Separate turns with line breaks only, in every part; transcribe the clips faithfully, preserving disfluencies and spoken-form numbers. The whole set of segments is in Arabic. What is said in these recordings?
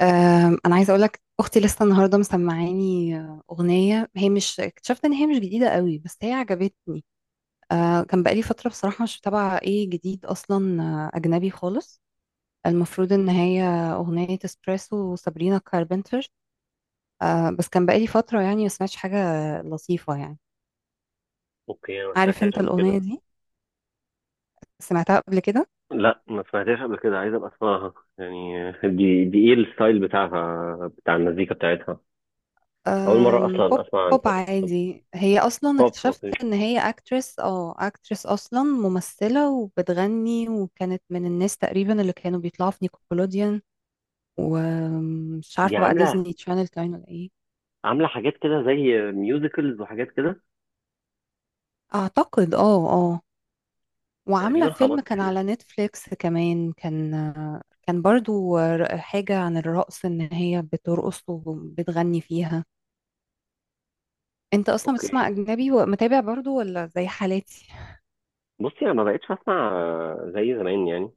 آم، انا عايزه اقول لك، اختي لسه النهارده مسمعاني آه، اغنيه. هي مش، اكتشفت ان هي مش جديده قوي بس هي عجبتني. آه، كان بقالي فتره بصراحه مش متابعه ايه جديد اصلا، آه، اجنبي خالص. المفروض ان هي اغنيه اسبريسو وسابرينا كاربنتر. آه، بس كان بقالي فتره يعني ما سمعتش حاجه لطيفه يعني.
اوكي، انا ما
عارف
سمعتهاش
انت
قبل كده.
الاغنيه دي؟ سمعتها قبل كده؟
لا، ما سمعتهاش قبل كده. عايز ابقى اسمعها يعني. دي دي ايه الستايل بتاعها، بتاع المزيكا بتاعتها؟ اول مره
أم، بوب.
اصلا اسمع عن
بوب عادي. هي اصلا
بوب.
اكتشفت
اوكي.
ان هي اكترس اه اكترس اصلا ممثلة وبتغني، وكانت من الناس تقريبا اللي كانوا بيطلعوا في نيكولوديان، ومش
دي
عارفة بقى
عامله
ديزني تشانل كان ولا ايه.
عامله حاجات كده زي ميوزيكلز وحاجات كده.
اعتقد اه اه وعاملة
تقريبا
فيلم
خبطت
كان
فيها.
على نتفليكس كمان، كان كان برضو ر- حاجة عن الرقص ان هي بترقص وبتغني فيها. انت اصلا بتسمع
اوكي،
اجنبي ومتابع برضو ولا زي حالاتي؟
بصي، انا ما بقتش اسمع زي زمان يعني.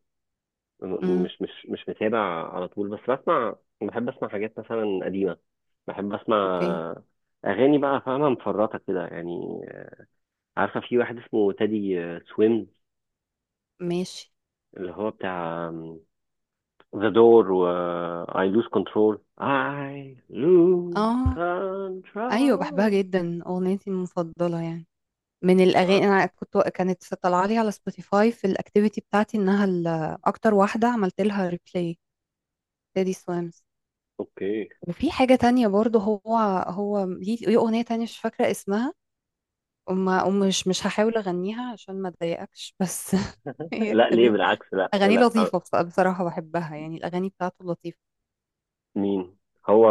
م-
امم.
مش مش مش متابع على طول. بس بسمع. بحب اسمع حاجات مثلا قديمه. بحب
اوكي.
اسمع اغاني، بقى فاهمه، مفرطه كده يعني. عارفة في واحد اسمه تادي سويم؟
ماشي.
اللي هو بتاع ذا دور و I lose control. I lose
اه. ايوه، بحبها
control.
جدا، اغنيتي المفضله يعني. من
آه،
الاغاني، انا كنت كانت طالعه لي على سبوتيفاي في الاكتيفيتي بتاعتي انها ال- اكتر واحده عملت لها ريبلاي، تيدي سويمز.
اوكي.
وفي حاجه تانية برضو، هو هو ليه ليه اغنيه تانية مش فاكره اسمها، وما ومش مش هحاول اغنيها عشان ما اضايقكش بس. هي
لا، ليه؟
كانت
بالعكس، لا
اغاني
لا. آه،
لطيفه، بص- بصراحه بحبها يعني، الاغاني بتاعته لطيفه.
مين هو؟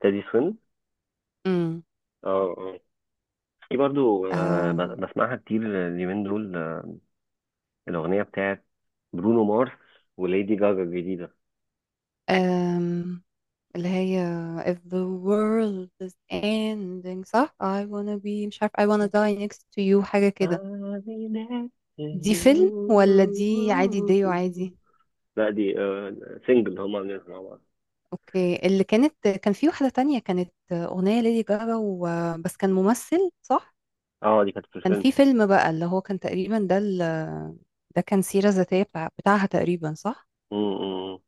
تادي سويم؟
امم.
اه. آه. في برضو آه، ب- بسمعها كتير اليومين دول. آه، الأغنية بتاعت برونو مارس وليدي جاجا الجديدة.
آه. اللي هي if the world is ending، صح، I wanna be، مش عارف، I wanna die next to you، حاجة كده.
I'll be next to
دي فيلم ولا دي عادي ديو
you.
عادي؟
لا، دي آه سنجل، هما عاملينها مع بعض.
اوكي. اللي كانت كان في واحدة تانية كانت أغنية ليدي جاجا و... بس كان ممثل، صح؟
اه، دي كانت في
كان
الفيلم.
في فيلم بقى اللي هو كان تقريبا ده ال... ده كان سيرة ذاتية بتاع... بتاعها تقريبا، صح؟
م- م- م.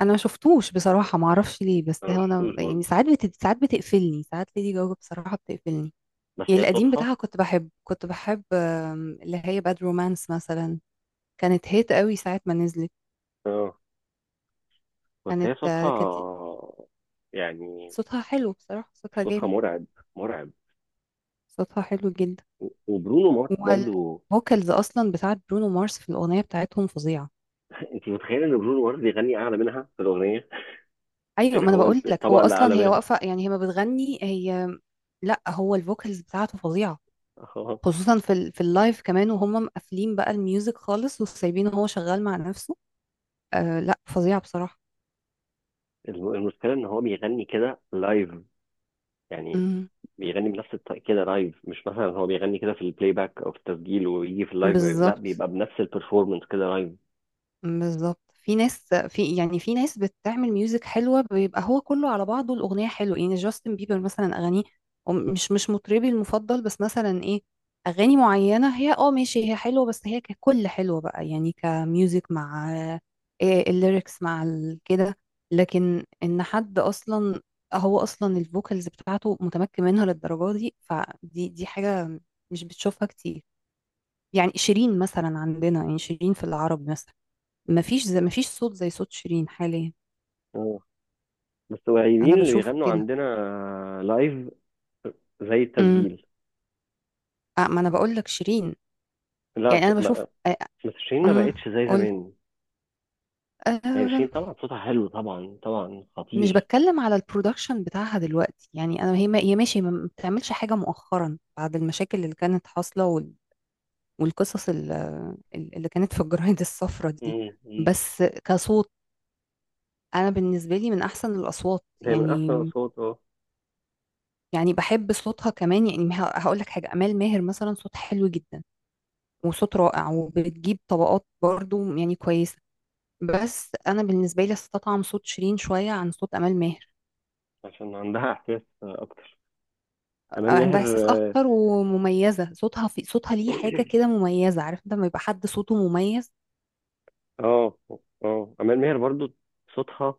انا ما شفتوش بصراحة، ما اعرفش ليه، بس
انا
هو انا
مشفتوش برضه،
يعني ساعات بت... ساعات بتقفلني، ساعات ليدي جاجا بصراحة بتقفلني.
بس
يعني
هي
القديم
صوتها.
بتاعها كنت بحب، كنت بحب آم، اللي هي باد رومانس مثلا، كانت هيت قوي ساعة ما نزلت.
اه، بس
كانت،
هي صوتها
آه، كانت
يعني.
صوتها حلو بصراحة، صوتها
صوتها
جامد،
مرعب، مرعب.
صوتها حلو جدا.
و- وبرونو مارس برضه.
والفوكالز أصلا بتاعت برونو مارس في الأغنية بتاعتهم فظيعة.
انت متخيل ان برونو مارس بيغني اعلى منها في الاغنيه؟
أيوة،
يعني
ما أنا
هو
بقول لك، هو
الطبقه اللي
أصلا،
اعلى
هي
منها؟
واقفة يعني، هي ما بتغني هي. لا، هو الفوكالز بتاعته فظيعة،
اه.
خصوصا في ال... في اللايف كمان، وهم مقفلين بقى الميوزك خالص وسايبينه هو شغال مع نفسه. آه لا، فظيعة بصراحة.
الم- المشكله ان هو بيغني كده لايف، يعني
امم.
بيغني بنفس الطريقه كده لايف. مش مثلا هو بيغني كده في البلاي باك او في التسجيل ويجي في اللايف، لا،
بالظبط.
بيبقى بنفس البرفورمانس كده لايف.
بالظبط، في ناس، في يعني في ناس بتعمل ميوزك حلوة، بيبقى هو كله على بعضه الأغنية حلوة، يعني جاستن بيبر مثلا أغانيه، وم- مش مش مطربي المفضل، بس مثلا إيه، أغاني معينة هي، اه ماشي، هي حلوة، بس هي ككل حلوة بقى، يعني كميوزك مع إيه الليركس مع ال- كده. لكن إن حد أصلا، هو أصلا الفوكالز بتاعته متمكن منها للدرجة دي، فدي دي حاجة مش بتشوفها كتير. يعني شيرين مثلا عندنا، يعني شيرين في العرب مثلا، مفيش زي مفيش صوت زي صوت شيرين حاليا.
بس
انا
قليلين اللي
بشوف
بيغنوا
كده.
عندنا لايف زي
امم.
التسجيل.
آه، ما انا بقول لك، شيرين.
لا،
يعني
ش...
انا بشوف.
ما... بس شيرين ما
امم.
بقتش زي
قول.
زمان. يعني شيرين
آه.
طبعا صوتها حلو، طبعا طبعا
مش
خطير.
بتكلم على البرودكشن بتاعها دلوقتي، يعني انا هي ما هي ماشي، ما بتعملش حاجه مؤخرا بعد المشاكل اللي كانت حاصله، وال- والقصص ال- ال- اللي كانت في الجرايد الصفراء دي.
مم، مم.
بس كصوت، انا بالنسبه لي من احسن الاصوات
هي من
يعني.
احسن الاصوات، اه.
يعني بحب صوتها كمان. يعني هقول لك حاجه، امال ماهر مثلا صوت حلو جدا وصوت رائع، وبتجيب طبقات برضو يعني كويسة، بس أنا بالنسبة لي استطعم صوت شيرين شوية عن صوت أمال ماهر.
عشان عندها احساس آه، اكتر. امال
عندها
ماهر،
إحساس أكتر، ومميزة صوتها، في صوتها ليه حاجة
اه.
كده مميزة، عارف لما يبقى حد صوته مميز.
اه. آه. امال ماهر برضو صوتها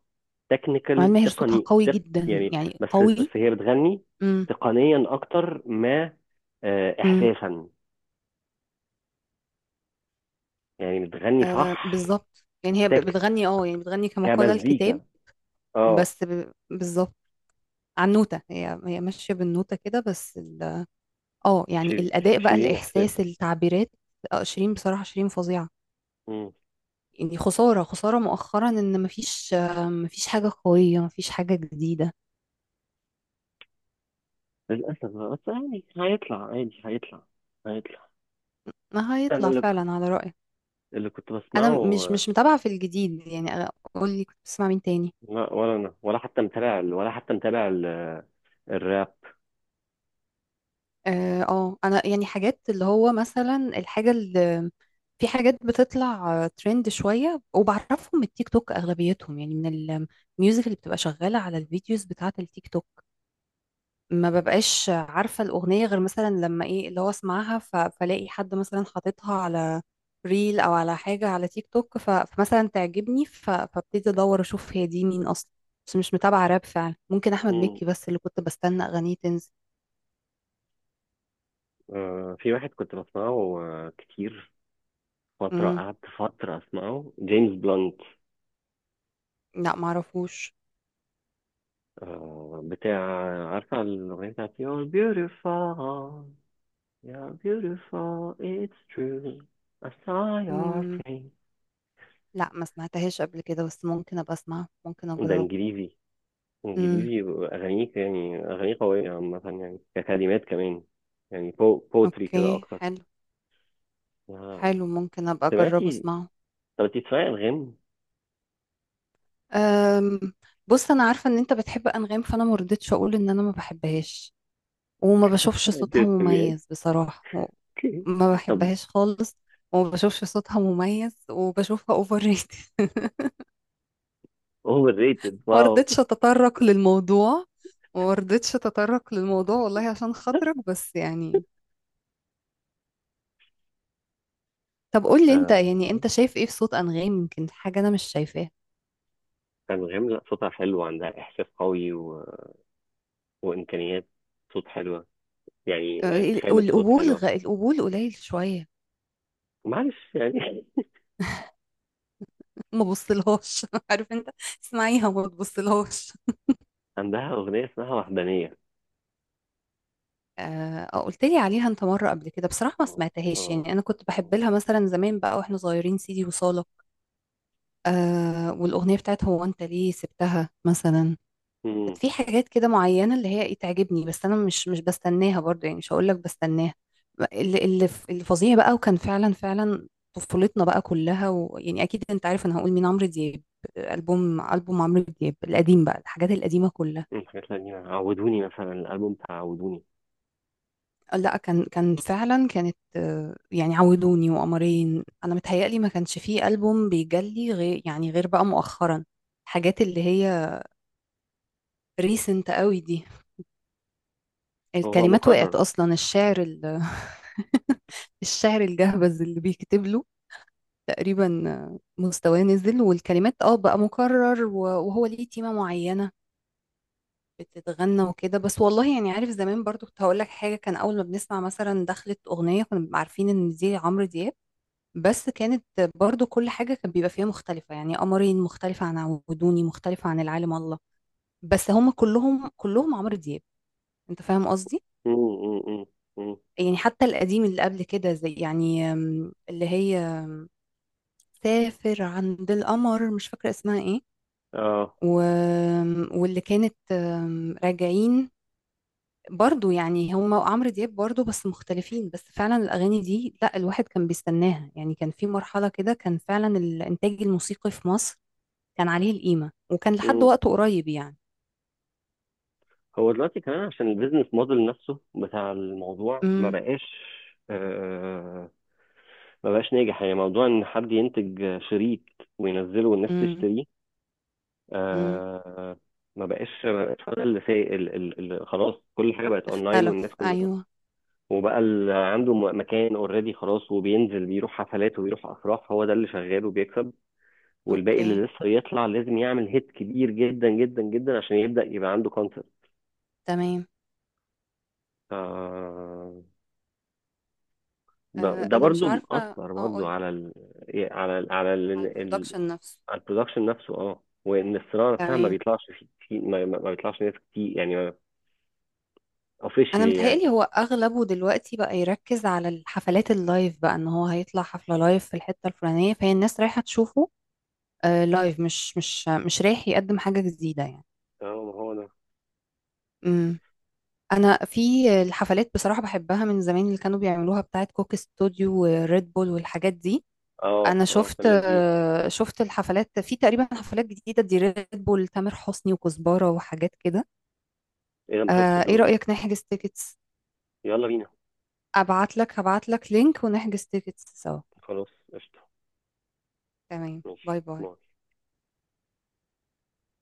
أمال
تكنيكال،
ماهر صوتها
تقني،
قوي
تق...
جدا،
يعني.
يعني
بس بس
قوي.
هي بتغني
امم.
تقنيا اكتر ما آه،
امم.
احساسا. يعني بتغني
آه،
صح.
بالظبط. يعني هي ب-
تك
بتغني اه، يعني بتغني كما قال الكتاب،
كمزيكا، اه.
بس ب- بالظبط على النوتة، هي هي ماشية بالنوتة كده، بس ال- اه، يعني
شير- ش-
الأداء بقى،
شيرين احساسا.
الإحساس، التعبيرات. آه، شيرين بصراحة، شيرين فظيعة.
مم.
يعني خسارة، خسارة مؤخرا ان مفيش، آه، مفيش حاجة قوية، مفيش حاجة جديدة.
للاسف بقى، بس يعني هيطلع عادي، هيطلع هيطلع.
ما
انا
هيطلع
اللي
فعلا على رأيك.
اللي كنت
انا
بسمعه،
مش
آه،
مش متابعة في الجديد يعني. قولي كنت بتسمع مين تاني.
لا، ولا انا ولا حتى متابع ال- ولا حتى متابع ال- الراب.
اه، آه، انا يعني حاجات، اللي هو مثلا الحاجة اللي، في حاجات بتطلع ترند شوية وبعرفهم من التيك توك اغلبيتهم، يعني من الميوزك اللي بتبقى شغالة على الفيديوز بتاعة التيك توك. ما ببقاش عارفة الأغنية غير مثلا لما إيه، اللي هو أسمعها ف- فلاقي حد مثلا حاططها على ريل أو على حاجة على تيك توك، ف- فمثلا تعجبني، ف- فابتدي أدور أشوف هي دي مين أصلا. بس مش متابعة راب فعلا، ممكن أحمد
مم.
مكي بس اللي كنت بستنى أغانيه تنزل.
آه، في واحد كنت بسمعه آه، كتير. فترة،
مم.
قعدت فترة اسمعه جيمس بلانت.
لا معرفوش.
آه، بتاع، عارفة الأغنية بتاعت You're beautiful؟ You're beautiful. It's true. I saw your
مم.
face.
لا، ما سمعتهاش قبل كده، بس ممكن أبقى أسمع، ممكن
ده
أجربه.
انجليزي،
مم.
انجليزي. اغانيه، يعني اغانيه قويه عامه، يعني ككلمات كمان. يعني بو بوتري كده
أوكي،
اكتر.
حلو.
آه.
حلو، ممكن أبقى أجربه
سمعتي؟
أسمعه.
طب انت بتسمعي الغام؟
أم، بص انا عارفه ان انت بتحب انغام، فانا ما رضيتش اقول ان انا ما بحبهاش وما
انت
بشوفش
ما
صوتها
بتسمعيهاش؟
مميز بصراحه و- ما
طب.
بحبهاش خالص، وما بشوفش صوتها مميز، وبشوفها اوفر ريتد.
اوفر ريتد،
ما
واو.
رضيتش اتطرق للموضوع، وما رضيتش اتطرق للموضوع والله عشان خاطرك، بس يعني طب قول لي انت،
آه.
يعني انت شايف ايه في صوت انغام، يمكن حاجه انا مش شايفاها.
انغام، لا، صوتها حلو، عندها احساس قوي و... وامكانيات. صوت حلوه، يعني
أه،
يعني خامه صوت
القبول
حلوه.
غ... القبول قليل شويه.
معلش يعني.
ما بصلهاش. عارف انت، اسمعيها وما تبصلهاش.
عندها اغنيه اسمها وحدانيه.
آه، آه، قلت لي عليها انت مره قبل كده، بصراحه ما
اه،
سمعتهاش.
اه.
يعني انا كنت
آه.
بحب لها مثلا زمان بقى واحنا صغيرين سيدي وصالك. آه، والاغنيه بتاعت هو انت ليه سبتها مثلا. كانت في حاجات كده معينه اللي هي ايه تعجبني، بس انا مش مش بستناها برضو، يعني مش هقول لك بستناها. اللي اللي اللي فظيع بقى وكان فعلا فعلا طفولتنا بقى كلها، ويعني اكيد انت عارف انا هقول مين، عمرو دياب. البوم البوم عمرو دياب القديم بقى، الحاجات القديمه كلها.
مم، حاجات قديمة، عودوني مثلا، الألبوم بتاع عودوني.
لا، كان كان فعلا كانت، آه، يعني عودوني وقمرين، انا متهيألي ما كانش فيه ألبوم بيجلي غير، يعني غير بقى مؤخرا، الحاجات اللي هي ريسنت قوي دي.
هو بقى
الكلمات وقعت
مكرر.
اصلا، الشعر ال- الشعر الجهبذ اللي بيكتب له، تقريبا آه، مستواه نزل، والكلمات اه بقى مكرر، و- وهو ليه تيمة معينة بتتغنى وكده بس والله. يعني عارف زمان برضو، كنت هقول لك حاجة، كان اول ما بنسمع مثلا دخلت أغنية كنا بنبقى عارفين ان دي عمرو دياب، بس كانت برضو كل حاجة كان بيبقى فيها مختلفة، يعني قمرين مختلفة عن عودوني مختلفة عن العالم الله، بس هم كلهم كلهم عمرو دياب. انت فاهم قصدي؟
مم، مم، مم، مم.
يعني حتى القديم اللي قبل كده، زي يعني، أم، اللي هي سافر عند القمر، مش فاكرة اسمها ايه،
اه.
و... واللي كانت، أم، راجعين، برضو يعني هم وعمرو دياب برضو، بس مختلفين. بس فعلا الأغاني دي لا، الواحد كان بيستناها يعني. كان في مرحلة كده كان فعلا الإنتاج الموسيقي في مصر كان عليه القيمة، وكان لحد
مم.
وقته قريب يعني.
هو دلوقتي كمان عشان البيزنس موديل نفسه بتاع الموضوع ما
امم.
بقاش. آه، ما بقاش ناجح، يعني موضوع ان حد ينتج شريط وينزله والناس
امم.
تشتريه.
امم.
آه، ما بقاش ما بقاش هو ده اللي سايق ال- ال- ال- خلاص. كل حاجه بقت اونلاين والناس
اختلف،
كلها.
ايوه.
وبقى اللي عنده م- مكان اوريدي خلاص، وبينزل، بيروح حفلات وبيروح افراح. هو ده اللي شغال وبيكسب. والباقي
اوكي.
اللي لسه يطلع لازم يعمل هيت كبير جدا جدا جدا عشان يبدأ يبقى عنده كونسبت.
تمام. آه،
ده
انا مش
برضو
عارفة
مأثر برضو،
اقول.
على ال على ال على ال
على
ال-
البرودكشن نفسه.
على البرودكشن نفسه. اه، وان الصناعه نفسها ما
تمام.
بيطلعش في في- ما, ما ما بيطلعش ناس كتير يعني.
انا
اوفيشلي يعني.
متهيألي هو اغلبه دلوقتي بقى يركز على الحفلات اللايف بقى، ان هو هيطلع حفلة لايف في الحتة الفلانية فهي الناس رايحة تشوفه. آه لايف، مش مش مش رايح يقدم حاجة جديدة يعني.
اه، ما هو ده.
امم. انا في الحفلات بصراحة بحبها من زمان، اللي كانوا بيعملوها بتاعت كوك استوديو وريد بول والحاجات دي.
اه،
انا
اه، كان
شفت،
لذيذ.
آه، شفت الحفلات في تقريبا حفلات جديده دي ريد بول تامر حسني وكزبره وحاجات كده.
اذا ما شفتش
آه، ايه
دول.
رايك نحجز تيكتس؟
يلا بينا.
ابعت لك، هبعت لك لينك ونحجز تيكتس سوا.
خلاص، قشطه.
تمام،
ماشي،
باي
باي.
باي.